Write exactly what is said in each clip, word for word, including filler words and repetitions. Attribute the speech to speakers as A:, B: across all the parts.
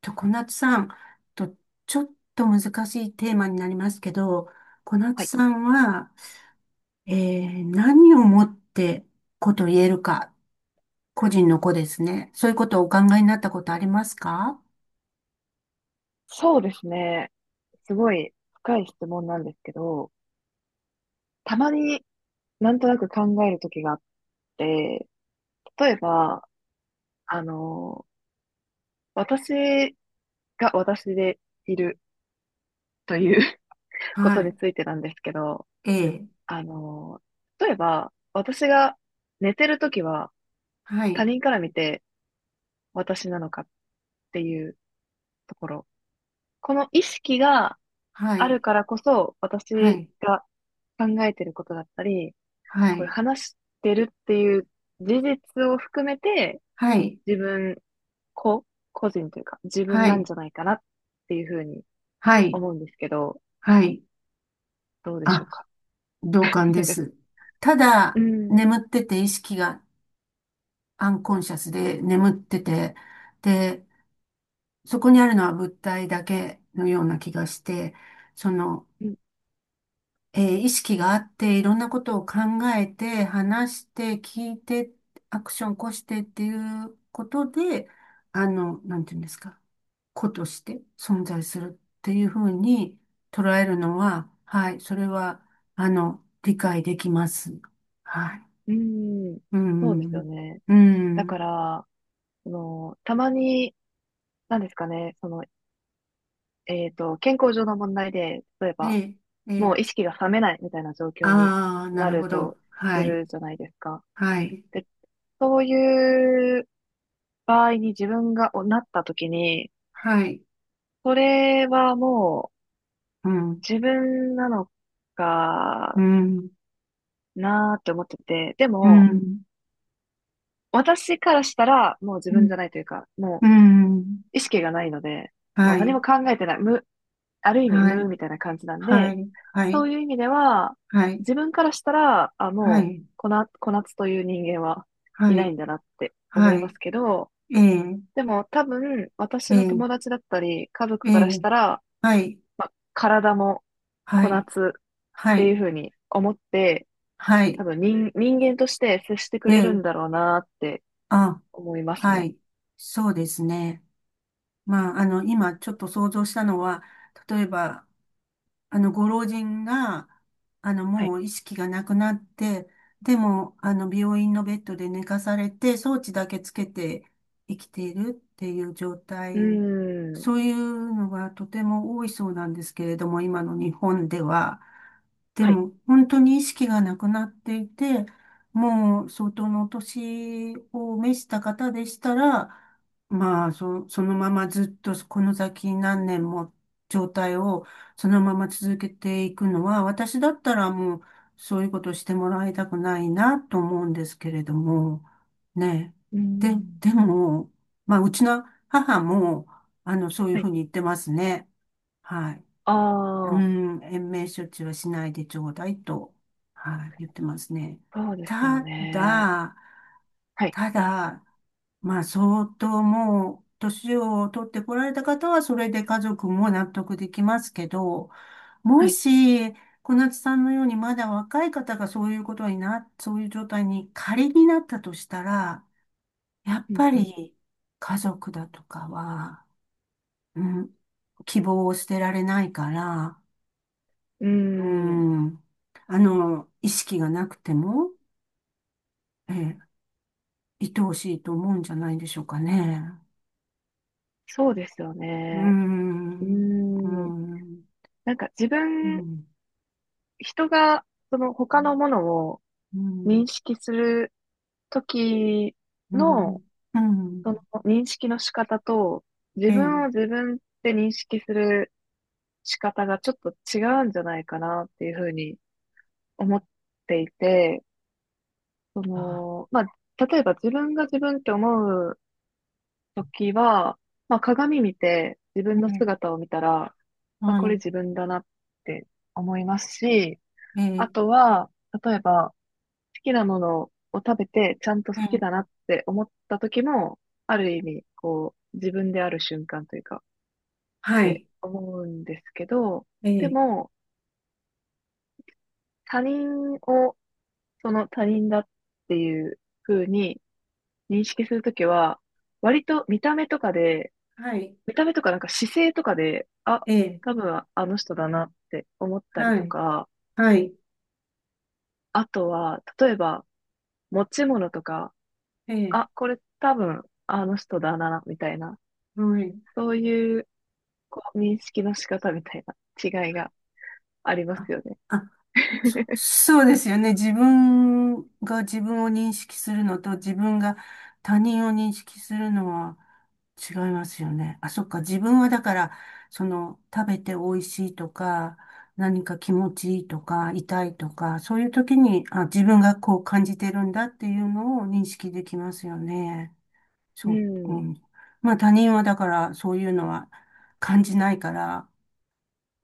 A: と、小夏さん、と、ちょっと難しいテーマになりますけど、小夏
B: はい。
A: さんは、えー何をもって子と言えるか、個人の子ですね。そういうことをお考えになったことありますか？
B: そうですね。すごい深い質問なんですけど、たまになんとなく考える時があって、例えば、あの、私が私でいるという こと
A: は
B: に
A: い。
B: ついてなんですけど、
A: ええ。
B: あの、例えば、私が寝てる時は
A: は
B: 他
A: い。
B: 人から見て私なのかっていうところ。この意識が
A: は
B: あ
A: い。
B: るからこそ、
A: は
B: 私
A: い。
B: が考えてることだったり、
A: は
B: こういう
A: い。
B: 話してるっていう事実を含めて、
A: はい。
B: 自分、個、個人というか、自分
A: は
B: なん
A: い。
B: じゃないかなっていうふうに
A: はい。
B: 思うんですけど、
A: はい。
B: どうでしょう
A: あ、
B: か。
A: 同感で す。た
B: う
A: だ、
B: ん、
A: 眠ってて意識がアンコンシャスで眠ってて、で、そこにあるのは物体だけのような気がして、その、
B: うん、
A: えー意識があって、いろんなことを考えて、話して、聞いて、アクション起こしてっていうことで、あの、なんていうんですか、個として存在するっていうふうに捉えるのは、はい、それは、あの、理解できます。はい。
B: うん、
A: う
B: そうですよ
A: ん。
B: ね。
A: う
B: だか
A: ん。
B: ら、その、たまに、なんですかね、その、えっと、健康上の問題で、例え
A: え
B: ば、
A: え、え
B: も
A: え。
B: う意識が覚めないみたいな状況に
A: ああ、な
B: な
A: る
B: る
A: ほど。
B: とす
A: はい。
B: るじゃないですか。
A: はい。
B: で、そういう場合に自分がおなった時に、
A: はい。
B: これはも
A: うん、
B: う自分なの
A: う
B: か
A: ん、
B: なーって思ってて、で
A: う
B: も、
A: ん、
B: 私からしたらもう自
A: う
B: 分じゃ
A: ん、
B: ないというか、も
A: うん、
B: う意識がないので、もう
A: は
B: 何
A: い、
B: も考えてない、無、ある意味
A: は
B: 無
A: い、
B: みたいな感じなん
A: は
B: で、
A: い、は
B: そ
A: い、
B: ういう意味では、
A: はい、
B: 自分からしたら、あ、
A: は
B: もう、
A: い、
B: こな、小夏という人間は
A: は
B: いない
A: い、
B: んだなって思い
A: は
B: ま
A: い、
B: すけど、
A: ええ、
B: でも多分、私
A: え
B: の
A: え、
B: 友達だったり、家族
A: え
B: からし
A: え、
B: たら、
A: はい、
B: まあ、体も
A: は
B: こな
A: い、
B: つっ
A: は
B: ていう
A: い、
B: ふうに思って、
A: は
B: 多
A: い、
B: 分人、人間として接してく
A: え
B: れるん
A: え、
B: だろうなって
A: あ、
B: 思います
A: は
B: ね。
A: い、そうですね。まあ、あの、今ちょっと想像したのは、例えば、あの、ご老人が、あの、
B: はい。
A: もう意識がなくなって、でも、あの、病院のベッドで寝かされて、装置だけつけて生きているっていう状
B: う
A: 態、
B: ーん。
A: そういうのがとても多いそうなんですけれども、今の日本では。で
B: はい。
A: も、本当に意識がなくなっていて、もう相当のお年を召した方でしたら、まあ、そ、そのままずっとこの先何年も状態をそのまま続けていくのは、私だったらもうそういうことしてもらいたくないなと思うんですけれども、ね
B: うー
A: え。
B: ん。
A: で、でも、まあ、うちの母も、あの、そういう
B: は
A: ふ
B: い。
A: うに言ってますね。はい。
B: あ
A: う
B: あ、
A: ん、延命処置はしないでちょうだいと、はい、言ってますね。
B: そうですよ
A: た
B: ね。
A: だ、
B: はい。
A: ただ、まあ、相当もう、年を取ってこられた方は、それで家族も納得できますけど、
B: は
A: も
B: い。
A: し、小夏さんのようにまだ若い方がそういうことにな、そういう状態に仮になったとしたら、やっ
B: うん
A: ぱ
B: う
A: り家族だとかは、うん、希望を捨てられないから、
B: ん。う
A: う
B: ーん。
A: ん、あの、意識がなくても、ええ、愛おしいと思うんじゃないでしょうかね。
B: そうですよ
A: う
B: ね。うー
A: ん、う
B: ん。
A: ん
B: なんか自
A: う
B: 分、
A: ん。
B: 人が、その
A: う
B: 他の
A: ん。
B: ものを認識するとき
A: うん。
B: の、
A: う
B: その
A: ん。
B: 認識の仕方と、自
A: え
B: 分
A: え。
B: を自分って認識する仕方がちょっと違うんじゃないかなっていうふうに思っていて、そ
A: あ、
B: の、まあ、例えば自分が自分って思うときは、まあ、鏡見て自分の
A: ええ、
B: 姿を見たら、あ、
A: は
B: これ
A: い。
B: 自分だなって思いますし、
A: え
B: あ
A: え。
B: とは、例えば、好きなものを食べてちゃんと好
A: え
B: きだな
A: え。
B: って思った時も、ある意味、こう、自分である瞬間というか、っ
A: は
B: て
A: い。
B: 思うんですけど、で
A: ええ。
B: も、他人をその他人だっていう風に認識するときは、割と見た目とかで、
A: はい。
B: 見た目とかなんか姿勢とかで、あ、
A: ええ。
B: 多分あの人だなって思ったり
A: は
B: と
A: い。
B: か、
A: はい。
B: あとは、例えば持ち物とか、
A: え
B: あ、
A: え。
B: これ多分あの人だな、みたいな、
A: はい。
B: そういうこう認識の仕方みたいな違いがありま
A: あ、
B: すよね。
A: あ、そそうですよね。自分が自分を認識するのと自分が他人を認識するのは違いますよね。あ、そっか。自分はだから、その食べて美味しいとか、何か気持ちいいとか、痛いとか、そういう時に、あ、自分がこう感じてるんだっていうのを認識できますよね。
B: う
A: そう、う
B: ん、
A: ん。まあ他人はだからそういうのは感じないから、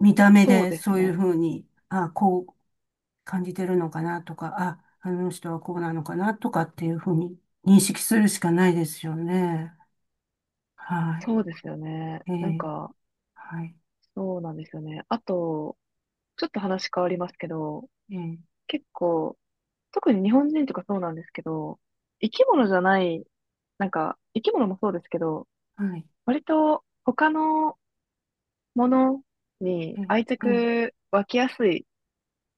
A: 見た目
B: そう
A: で
B: です
A: そういう
B: ね。
A: ふうに、あ、こう、感じてるのかなとか、あ、あの人はこうなのかなとかっていうふうに認識するしかないですよね。は
B: そ
A: い。
B: うですよね。
A: え
B: なん
A: ー、
B: か、
A: はい。
B: そうなんですよね。あと、ちょっと話変わりますけど、
A: えー、
B: 結構、特に日本人とかそうなんですけど、生き物じゃない、なんか、生き物もそうですけど、
A: はい。
B: 割と他のものに
A: えー、
B: 愛
A: えー
B: 着湧きやすい、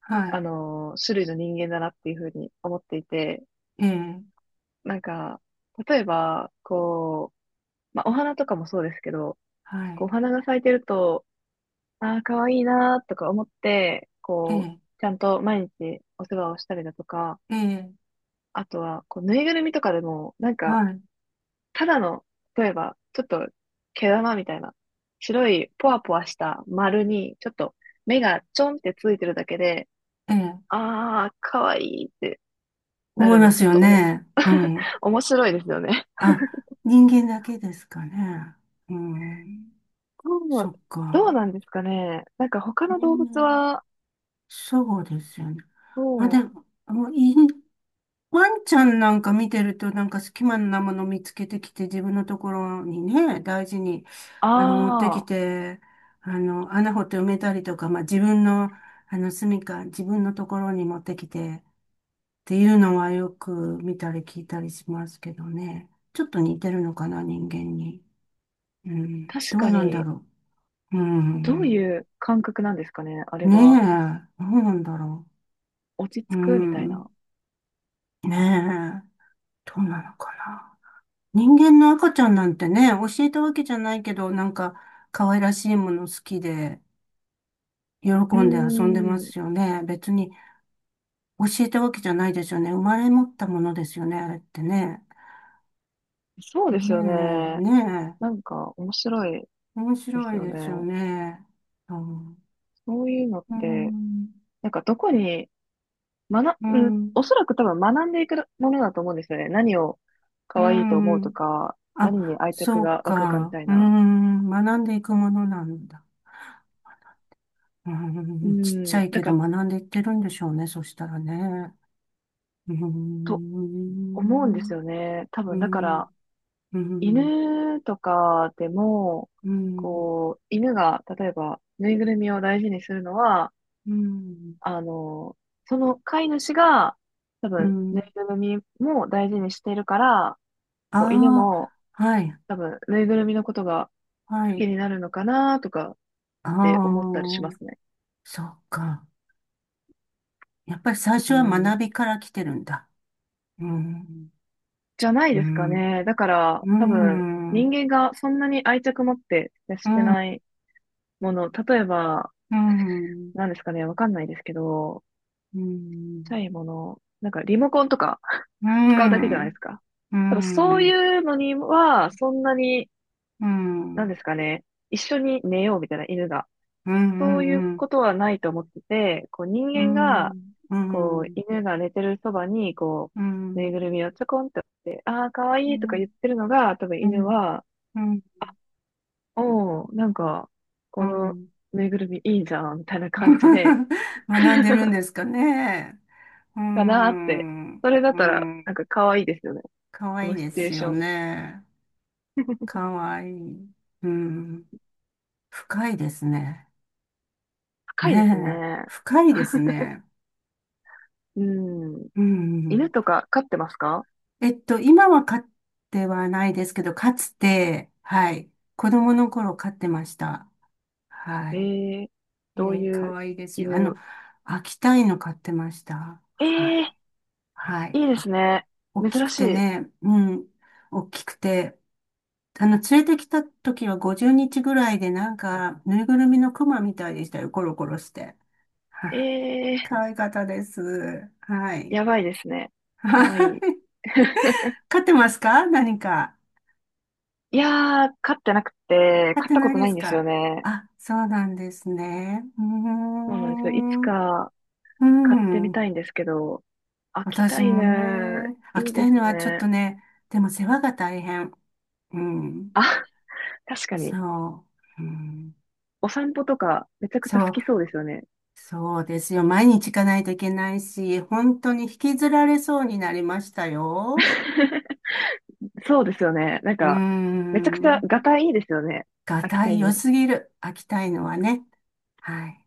A: は
B: あ
A: い。
B: の、種類の人間だなっていうふうに思っていて、
A: えー、
B: なんか、例えば、こう、まあ、お花とかもそうですけど、
A: は
B: こ
A: い。
B: う、お花が咲いてると、ああ、可愛いいなーとか思って、
A: え
B: こう、
A: ー、
B: ちゃんと毎日お世話をしたりだとか、
A: えー
B: あとは、こう、ぬいぐるみとかでも、なんか、
A: はい。
B: ただの、例えば、ちょっと、毛玉みたいな、白い、ポワポワした丸に、ちょっと、目がちょんってついてるだけで、
A: えー、
B: ああ、可愛いいってな
A: 思い
B: る
A: ま
B: の、ち
A: す
B: ょっ
A: よ
B: とおも、
A: ね。うん。
B: 面白いですよね。
A: あ、人間だけですかね。うん。
B: ど
A: そ
B: う、
A: っ
B: どう
A: か。
B: なんですかね。なんか、他
A: ね
B: の動物
A: え
B: は、
A: そうですよね。あ、
B: ど
A: で
B: う、
A: も、もういい、ワンちゃんなんか見てると、なんか隙間なもの見つけてきて、自分のところにね、大事に、あの、持って
B: あ
A: き
B: あ、
A: て、あの、穴掘って埋めたりとか、まあ、自分の、あの、住処、自分のところに持ってきて、っていうのはよく見たり聞いたりしますけどね。ちょっと似てるのかな、人間に。うん。
B: 確
A: ど
B: か
A: うなんだ
B: に、
A: ろう。う
B: どう
A: ん。
B: いう感覚なんですかね、あれ
A: ね
B: は。
A: え、どうなんだろ
B: 落ち着
A: う。う
B: くみたい
A: ん。
B: な。
A: ねえ、どうなのかな。人間の赤ちゃんなんてね、教えたわけじゃないけど、なんか可愛らしいもの好きで、喜
B: うー
A: んで遊んでま
B: ん、
A: すよね。別に教えたわけじゃないですよね。生まれ持ったものですよね、あれってね。
B: そう
A: ねえ、
B: ですよね。
A: ね
B: なんか面白い
A: え、面
B: です
A: 白い
B: よ
A: ですよ
B: ね。
A: ね。うん、
B: そういうのっ
A: う
B: て、
A: ん、
B: なんかどこに、学、
A: う
B: うん、
A: ん、
B: おそらく多分学んでいくものだと思うんですよね。何を
A: う
B: 可愛いと思う
A: ん、
B: とか、何に
A: あ、
B: 愛着
A: そう
B: が湧くかみ
A: か。
B: たい
A: う
B: な。
A: ん、学んでいくものなんだ。う
B: う
A: ん、ちっち
B: ん、
A: ゃい
B: だ
A: けど
B: から、
A: 学んでいってるんでしょうね、そしたらね。うー
B: と思うんで
A: ん、
B: すよね。多
A: うー
B: 分だか
A: ん、う
B: ら、
A: ーん、
B: 犬とかでも、
A: うーん、
B: こう、犬が例えばぬいぐるみを大事にするのは、
A: うーん、
B: あの、その飼い主が、多
A: うー
B: 分、ぬ
A: ん、
B: いぐるみも大事にしてるから、こう、犬
A: あ
B: も、
A: あ、はい、
B: 多分、ぬいぐるみのことが
A: は
B: 好き
A: い、
B: になるのかなとかっ
A: ああ、
B: て思ったりしますね。
A: そっか。やっぱり最
B: う
A: 初は
B: ん。
A: 学びから来てるんだ。うーん、
B: じゃない
A: うー
B: ですか
A: ん、
B: ね。だか
A: う
B: ら、
A: ー
B: 多分、
A: ん、
B: 人
A: う
B: 間がそんなに愛着持って接
A: ー
B: して
A: ん、う
B: ないもの、例えば、
A: ーん、
B: 何ですかね、わかんないですけど、
A: うー
B: ちっ
A: ん、
B: ちゃいもの、なんかリモコンとか
A: うー
B: 使うだけじゃな
A: ん、
B: いで
A: う
B: すか。
A: ー
B: 多分そう
A: ん、う
B: いうのには、そんなに
A: ー
B: なん
A: ん、
B: ですかね、一緒に寝ようみたいな犬が。
A: うー
B: そういう
A: ん、うー
B: ことはないと思ってて、こう人間が、
A: ん、うー
B: こう
A: ん、
B: 犬が寝てるそばに、こ
A: うー
B: う、ぬい
A: ん、
B: ぐるみをちょこんって置いて、ああ、かわ
A: う
B: いいとか
A: ー
B: 言ってるのが、多分
A: ん、うー
B: 犬
A: ん、
B: は、
A: うーん、うーん、
B: おお、なんか、
A: う
B: こ
A: ー
B: の
A: ん、
B: ぬいぐるみいいじゃん、みたいな感じで、
A: 学んでるんですかね。うー
B: かなーって。
A: ん。
B: それだっ
A: う
B: たら、
A: ん。
B: なんかかわいいですよね。
A: かわ
B: こ
A: いい
B: のシ
A: で
B: チュエー
A: す
B: シ
A: よ
B: ョン。
A: ね。かわいい。うん。深いですね。
B: 高いです
A: ねえ。
B: ね。
A: 深いですね。
B: うん。
A: うん。
B: 犬とか飼ってますか？
A: えっと、今は飼ってはないですけど、かつて、はい。子供の頃飼ってました。は
B: え
A: い。
B: えー、
A: え
B: どう
A: ー、か
B: いう
A: わいいですよ。あの、
B: 犬、
A: 秋田犬飼ってました。
B: え
A: は
B: え
A: い。
B: ー、
A: はい。
B: いいですね。
A: 大き
B: 珍
A: く
B: し
A: て
B: い。
A: ね、うん、大きくて、あの、連れてきた時はごじゅうにちぐらいで、なんか、ぬいぐるみのクマみたいでしたよ、コロコロして。は
B: え
A: い。
B: えー、
A: 可愛かったです。はい。
B: やばいですね。か
A: は
B: わいい。
A: い。飼ってますか何か。
B: いやー、飼ってなくて、
A: 飼っ
B: 飼っ
A: て
B: たこ
A: ない
B: と
A: で
B: ないん
A: す
B: ですよ
A: か？
B: ね。
A: あ、そうなんですね。うー
B: そうなんですよ。いつ
A: ん。う
B: か飼ってみ
A: ん。
B: たいんですけど、秋田
A: 私も
B: 犬、
A: ね、飽
B: い
A: き
B: い
A: た
B: で
A: い
B: す
A: のはちょっ
B: ね。
A: とね、でも世話が大変。うん。
B: あ、確かに。
A: そう。うん、
B: お散歩とか、めちゃくちゃ好
A: そう、
B: きそうですよね。
A: そうですよ。毎日行かないといけないし、本当に引きずられそうになりましたよ。
B: そうですよね。なん
A: うー
B: か、めちゃくちゃ、
A: ん。
B: ガタイいいですよね。
A: が
B: 秋
A: た
B: 田
A: い良
B: 犬。
A: すぎる。秋田いのはね。はい。